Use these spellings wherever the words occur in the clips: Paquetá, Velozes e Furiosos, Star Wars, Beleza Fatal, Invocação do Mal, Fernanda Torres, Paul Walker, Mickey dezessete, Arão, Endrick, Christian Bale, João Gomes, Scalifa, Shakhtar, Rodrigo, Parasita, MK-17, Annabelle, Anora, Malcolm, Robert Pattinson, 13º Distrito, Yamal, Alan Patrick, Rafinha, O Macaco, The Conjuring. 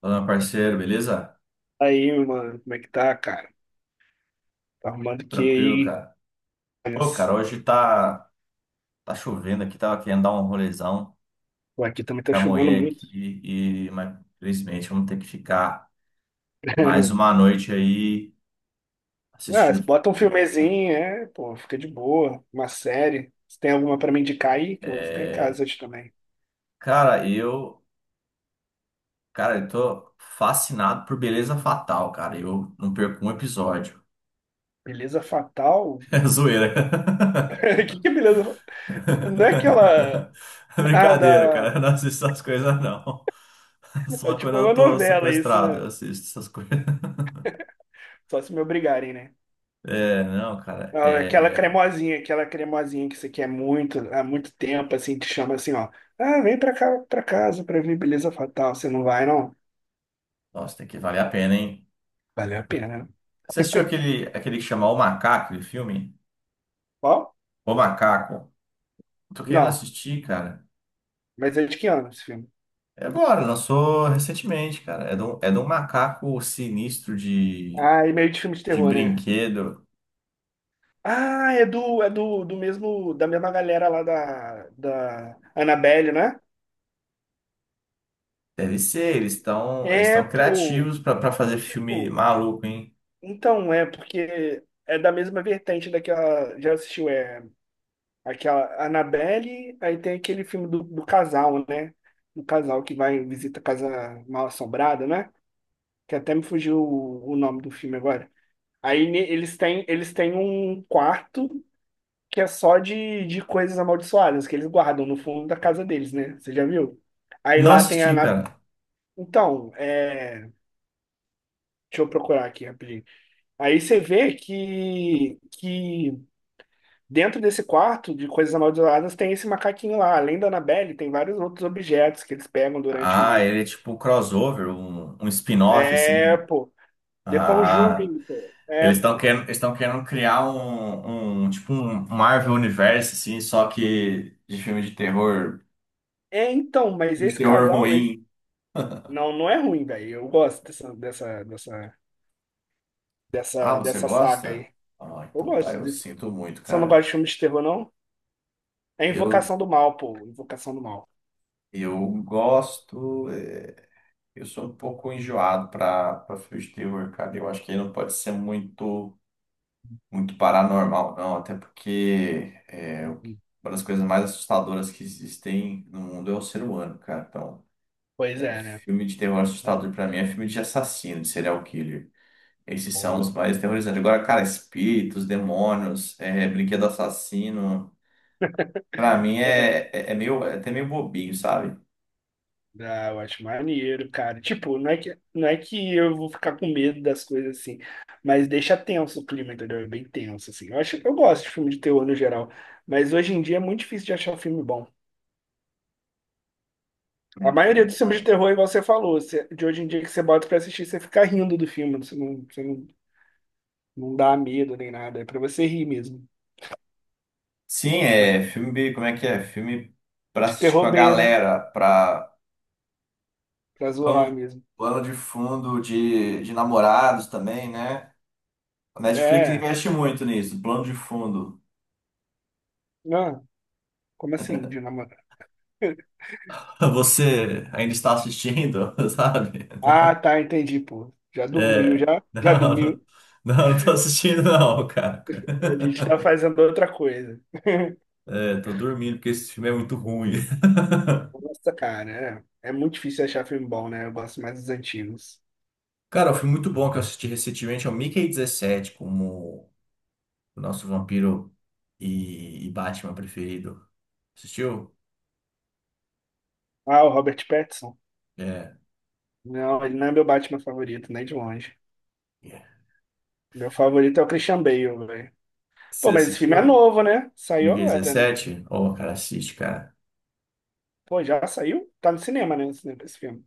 Fala, meu parceiro, beleza? Aí, mano, como é que tá, cara? Tá arrumando que Tranquilo, aí? cara. Pô, Mas, cara, hoje tá chovendo aqui, tava querendo dar um rolezão pô, aqui também tá com a chovendo mulher muito. aqui, mas infelizmente vamos ter que ficar mais uma noite aí Ah, se assistindo bota um filme, cara. filmezinho, é, pô, fica de boa. Uma série. Se tem alguma pra me indicar aí, que eu vou ficar em casa É, hoje também. cara, cara, eu tô fascinado por Beleza Fatal, cara. Eu não perco um episódio. Beleza Fatal? É zoeira. O que que é Beleza Fatal? Não é aquela... Ah, Brincadeira, da... cara. Eu não assisto essas coisas, não. É Só tipo quando uma eu tô novela isso, sequestrado, né? eu assisto essas coisas. Só se me obrigarem, né? É, não, cara. Não, é aquela É... cremosinha, aquela cremosinha que você quer muito, há muito tempo, assim, te chama assim, ó. Ah, vem pra cá, pra casa pra ver Beleza Fatal. Você não vai, não? Nossa, tem que valer a pena, hein? Valeu a pena, né? Você assistiu aquele, que chama O Macaco, aquele filme? Ó, O Macaco. Eu tô querendo não. assistir, cara. Mas é de que ano esse filme? É agora, lançou recentemente, cara. É de um macaco sinistro de, Ah, é meio de filme de de terror, né? brinquedo. Ah, da mesma galera lá da Annabelle, né? Deve ser, eles estão eles É, estão pô. criativos pra fazer filme Tipo, maluco, hein? então é, porque é da mesma vertente daquela. Já assistiu, é. Aquela Annabelle, aí tem aquele filme do casal, né? Do casal que vai visita a casa mal-assombrada, né? Que até me fugiu o nome do filme agora. Aí eles têm um quarto que é só de coisas amaldiçoadas que eles guardam no fundo da casa deles, né? Você já viu? Aí Não lá tem a assisti, Ana... cara. Então, é... deixa eu procurar aqui rapidinho. Aí você vê que dentro desse quarto de coisas amaldiçoadas tem esse macaquinho lá. Além da Annabelle, tem vários outros objetos que eles pegam Ah, durante. ele é tipo crossover, um spin-off, É, assim. pô. The Ah, Conjuring, pô. É, eles estão pô. querendo criar um tipo um Marvel Universe, assim, só que de É, então, mas filme de esse terror casal, esse... ruim. não, não é ruim, velho. Eu gosto Ah, você dessa saga gosta? aí. Ah, Eu então tá, gosto eu desse. sinto muito, Você não gosta cara. de filme de terror, não? É Eu, Invocação do Mal, pô. Invocação do Mal. eu gosto, eu sou um pouco enjoado pra filme de terror, cara. Eu acho que ele não pode ser muito paranormal, não, até porque uma das coisas mais assustadoras que existem no mundo é o ser humano, cara. Então, Pois é, é, né? filme de terror assustador pra mim é filme de assassino, de serial killer. Esses são os Porra. mais terrorizantes. Agora, cara, espíritos, demônios, brinquedo assassino, pra mim é, meio, é até meio bobinho, sabe? Ah, eu acho maneiro, cara. Tipo, não é que eu vou ficar com medo das coisas assim, mas deixa tenso o clima, entendeu? É bem tenso, assim. Eu acho, eu gosto de filme de terror no geral, mas hoje em dia é muito difícil de achar um filme bom. A Né, maioria né, dos filmes de cara. terror, igual você falou, de hoje em dia que você bota pra assistir, você fica rindo do filme, você não, não dá medo nem nada, é pra você rir mesmo. Sim, Mas é filme, como é que é? Filme pra de assistir com a terror B, né? galera, pra Pra zoar Plano, mesmo. plano de fundo de namorados também, né? A Netflix É, investe muito nisso, plano de fundo. não, como assim, de namorado? Você ainda está assistindo, sabe? Ah, tá, entendi, pô. Já dormiu, É, já? Já não, dormiu? não tô assistindo não, cara. A gente tá fazendo outra coisa. É, tô dormindo porque esse filme é muito ruim. Nossa, cara, é muito difícil achar filme bom, né? Eu gosto mais dos antigos. Cara, o filme muito bom que eu assisti recentemente é o Mickey 17, como o nosso vampiro e Batman preferido. Assistiu? Ah, o Robert Pattinson? É. Não, ele não é meu Batman favorito, nem de longe. É. Meu favorito é o Christian Bale, velho. Você Pô, mas esse filme é assistiu? novo, né? Saiu Mickey agora, né? dezessete Ô, cara, assiste, cara. Pô, já saiu? Tá no cinema, né? No cinema, esse filme.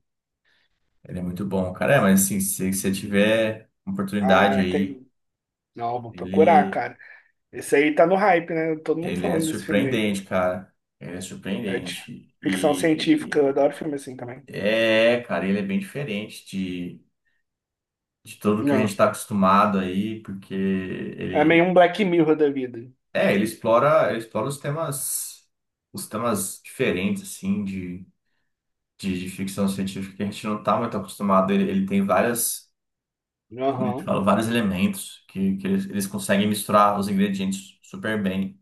Ele é muito bom, cara. É, mas assim, se você tiver oportunidade Ah, aí, entendi. Não, vou procurar, ele, cara. Esse aí tá no hype, né? Todo mundo ele é falando desse filme aí. surpreendente, cara. Ele é É de surpreendente. ficção científica, eu adoro E, e- filme assim também. é, cara, ele é bem diferente de, tudo que a gente Não. tá acostumado aí, porque É meio ele, um Black Mirror da vida. é, ele explora, ele explora, os temas diferentes, assim, de ficção científica que a gente não tá muito acostumado. Ele tem várias. Como é que Aham. fala, vários elementos que eles conseguem misturar os ingredientes super bem.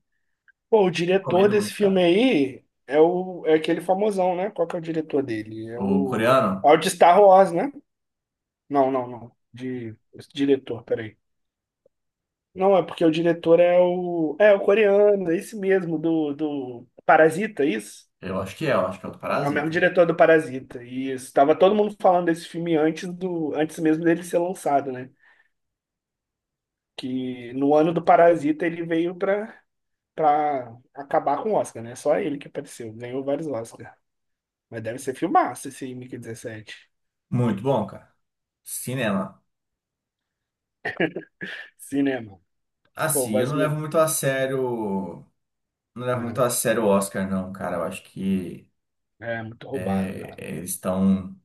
Pô, o diretor Recomendo desse muito, cara. filme aí é o é aquele famosão, né? Qual que é o diretor dele? É O o é coreano, o de Star Wars, né? Não, não, não. De esse diretor, peraí. Não, é porque o diretor é o coreano, é esse mesmo do Parasita, é isso? eu acho que é o do É o mesmo Parasita. diretor do Parasita. E estava todo mundo falando desse filme antes mesmo dele ser lançado, né? Que no ano do Parasita ele veio pra para acabar com o Oscar, né? Só ele que apareceu, ganhou vários Oscars. Mas deve ser filmaço esse MK-17. Muito bom, cara. Cinema. Cinema. Pô, Assim, eu mas não levo muito a sério. Não levo muito né, a sério o Oscar, não, cara. Eu acho que é muito roubado, é, cara. Eles estão.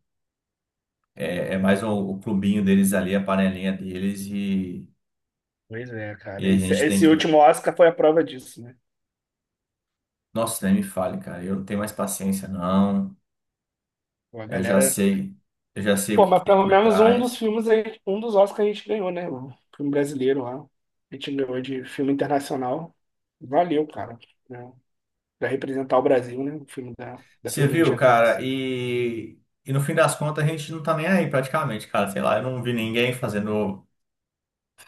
É mais o clubinho deles ali, a panelinha deles, e, Pois é, cara. e a Esse, gente tem esse que. último Oscar foi a prova disso, né? Nossa, nem me fale, cara. Eu não tenho mais paciência, não. Pô, a Eu já galera. sei. Eu já sei o Pô, que que mas tem pelo por menos um dos trás. filmes, um dos Oscars a gente ganhou, né? O filme brasileiro lá. A gente ganhou de filme internacional. Valeu, cara. Né? Pra representar o Brasil, né? O filme da Você viu, Fernandinha cara, Torres. e no fim das contas a gente não tá nem aí praticamente, cara. Sei lá, eu não vi ninguém fazendo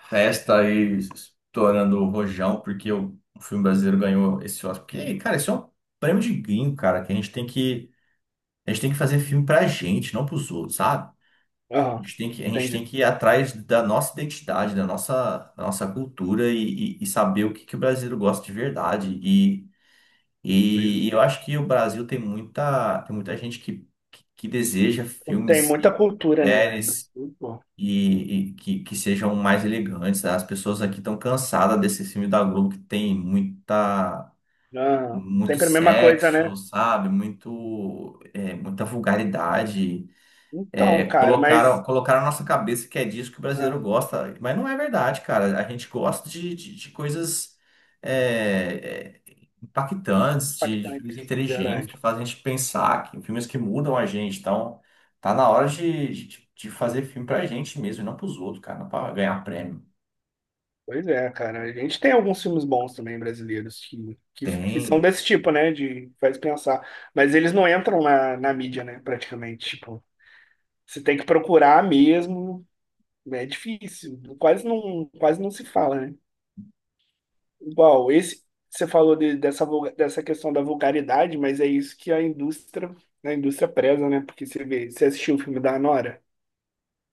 festa e estourando o rojão porque o filme brasileiro ganhou esse Oscar. Porque, cara, isso é um prêmio de gringo, cara, que a gente tem que fazer filme pra gente, não pros outros, sabe? A Aham, gente tem que, a gente tem entendi. que ir atrás da nossa identidade, da nossa cultura e, e saber o que, que o brasileiro gosta de verdade. Pois é. E eu acho que o Brasil tem muita gente que deseja Tem filmes muita e cultura, né, velho? séries Pô. e que sejam mais elegantes. As pessoas aqui estão cansadas desse filme da Globo que tem muita, Aham. muito Sempre a mesma coisa, né? sexo, sabe? Muita vulgaridade. Então, É, cara, colocaram, mas. colocaram na nossa cabeça que é disso que o Ah, brasileiro gosta, mas não é verdade, cara. A gente gosta de, de coisas é, é, impactantes, de impactante, filmes inteligentes, verdade. que fazem a gente pensar, filmes que mudam a gente. Então, tá na hora de, de fazer filme pra gente mesmo, e não pros outros, cara, não pra ganhar prêmio. Pois é, cara. A gente tem alguns filmes bons também brasileiros que são Tem. desse tipo, né? De faz pensar. Mas eles não entram na mídia, né? Praticamente. Tipo, você tem que procurar mesmo. Né? É difícil. Quase não se fala, né? Igual, esse. Você falou dessa questão da vulgaridade, mas é isso que a indústria, preza, né? Porque você vê, você assistiu o filme da Anora,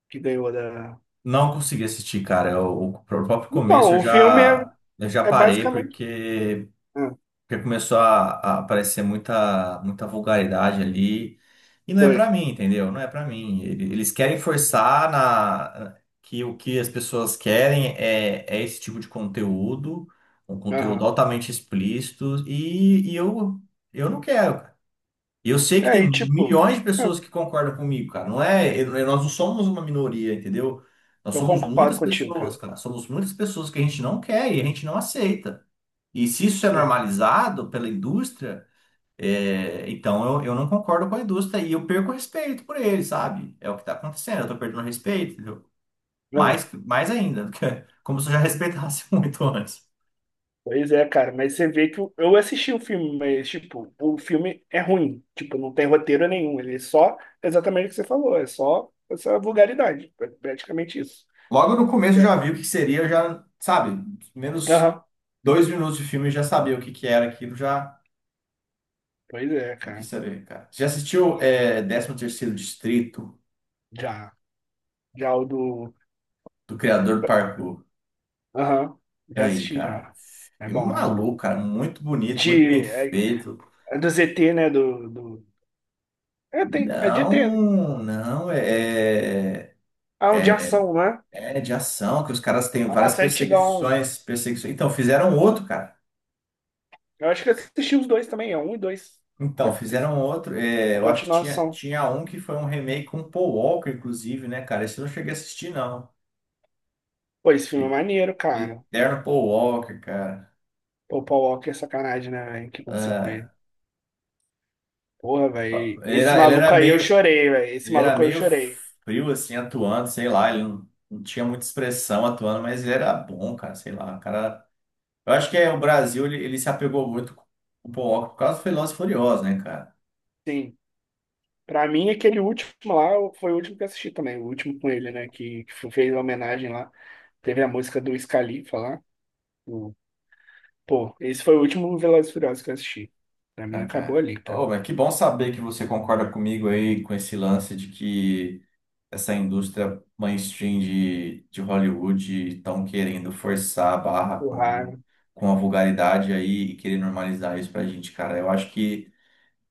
que ganhou da. Não consegui assistir, cara. O próprio começo Então, eu o filme é. já, eu já É parei, basicamente. porque. Ah, Porque começou a, aparecer muita, muita vulgaridade ali. E não é foi. pra mim, entendeu? Não é pra mim. Eles querem forçar na, que o que as pessoas querem é esse tipo de conteúdo, um conteúdo Aham. altamente explícito, e eu não quero, cara. E eu sei que É, tem e tipo, milhões de ah, pessoas que concordam comigo, cara. Não é, nós não somos uma minoria, entendeu? Nós eu somos concordo muitas contigo, pessoas, cara. cara. Somos muitas pessoas que a gente não quer e a gente não aceita. E se isso é Ah, normalizado pela indústria, então eu não concordo com a indústria e eu perco o respeito por ele, sabe? É o que está acontecendo, eu tô perdendo o respeito, entendeu? aham. Mais ainda, como se eu já respeitasse muito antes. Pois é, cara, mas você vê que eu assisti o filme, mas, tipo, o filme é ruim. Tipo, não tem roteiro nenhum. Ele é só exatamente o que você falou. É só essa vulgaridade. É praticamente isso. Logo no começo eu É. já vi o que seria, sabe, menos Aham. 2 minutos de filme eu já sabia o que que era aquilo, já Pois é, não quis cara. saber, cara. Você já assistiu É. 13º Distrito, Já. Já o do. do criador do Parkour? Aham. Já Aí, assisti cara, já. É filme bom, é bom. maluco, cara, muito bonito, muito bem De. É, feito. é do ZT, né? Do... É, tem, é de ET. Né? Não, não, é, é Ah, um de ação, né? é de ação, que os caras têm várias Nossa, é antigão. perseguições, perseguições. Então, fizeram outro, cara. Eu acho que eu assisti os dois também, é um e dois. Então, Deve ter sido fizeram outro. é, a eu acho que tinha, continuação. tinha um que foi um remake com Paul Walker, inclusive, né, cara? Esse eu não cheguei a assistir, não. Pô, esse filme é E- maneiro, cara. Eterno Paul Walker, cara. Pô, o Paul Walker é sacanagem, né, velho? O que aconteceu com ele? Ah, Porra, velho. ele Esse era, ele era maluco aí eu meio, chorei, velho. Esse ele era maluco eu meio chorei. frio, assim, atuando, sei lá, ele não tinha muita expressão atuando, mas ele era bom, cara, sei lá, o cara. Eu acho que o Brasil, ele se apegou muito com o Paul Walker por causa do Velozes e Furiosos, né, cara? Sim. Pra mim, aquele último lá foi o último que eu assisti também. O último com ele, né? Que fez a homenagem lá. Teve a música do Scalifa lá. O- Pô, esse foi o último Velozes e Furiosos que eu assisti. Pra mim, acabou Kaká. ali, tá? Oh, mas que bom saber que você concorda comigo aí com esse lance de que essa indústria mainstream de, Hollywood estão querendo forçar a barra Porra. com, a vulgaridade aí e querer normalizar isso pra gente, cara. Eu acho que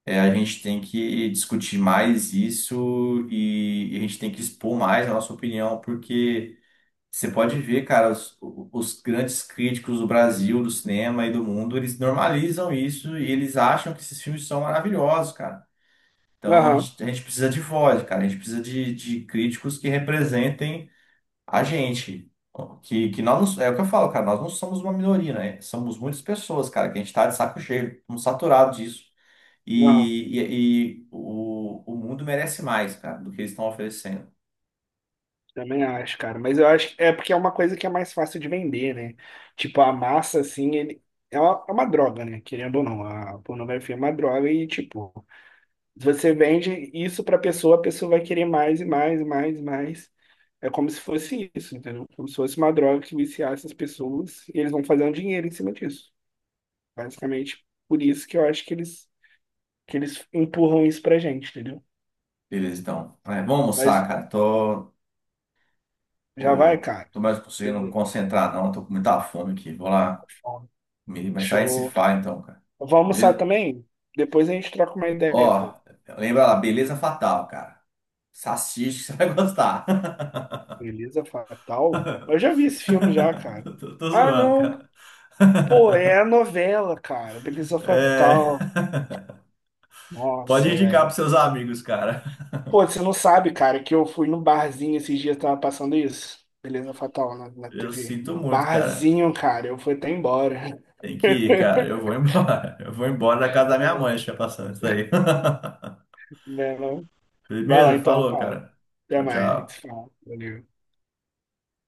a gente tem que discutir mais isso e a gente tem que expor mais a nossa opinião, porque. Você pode ver, cara, os, grandes críticos do Brasil, do cinema e do mundo, eles normalizam isso e eles acham que esses filmes são maravilhosos, cara. Então a Aham. gente, a gente precisa de voz, cara. A gente precisa de, críticos que representem a gente. Que nós, o que eu falo, cara, nós não somos uma minoria, né? Somos muitas pessoas, cara, que a gente tá de saco cheio, estamos saturados disso. Aham. E o mundo merece mais, cara, do que eles estão oferecendo. Também acho, cara. Mas eu acho que é porque é uma coisa que é mais fácil de vender, né? Tipo, a massa, assim, ele é uma droga, né? Querendo ou não, a pornografia é uma droga e, tipo, se você vende isso pra pessoa, a pessoa vai querer mais e mais e mais e mais. É como se fosse isso, entendeu? Como se fosse uma droga que viciasse as pessoas e eles vão fazer um dinheiro em cima disso. Basicamente, por isso que eu acho que eles empurram isso pra gente, entendeu? Beleza, então. É, vamos Mas almoçar, cara. Tô, já vai, Tô, cara. tô mais conseguindo Beleza, concentrar, não. Tô com muita fome aqui. Vou lá com fome. comer, mas sai se Show. faz então, cara. Vamos Vou almoçar Beleza? também? Depois a gente troca uma ideia, Ó, pô. lembra lá, Beleza Fatal, cara. Salsicha, você vai gostar. Beleza Fatal? Eu já vi esse filme já, cara. Tô Ah, zoando, não. cara. Pô, é a novela, cara. Beleza É... Fatal. Pode Nossa, indicar velho. pros seus amigos, cara. Pô, você não sabe, cara, que eu fui no barzinho esses dias, tava passando isso. Beleza Fatal na Eu TV. sinto No muito, cara. barzinho, cara. Eu fui até embora. Tem que ir, cara. Eu vou embora. Eu vou embora da casa da minha mãe, deixa passando isso aí. Né, não? Vai lá Beleza? então, Falou, cara. cara. Até Tchau, mais, a gente tchau. se fala. Valeu.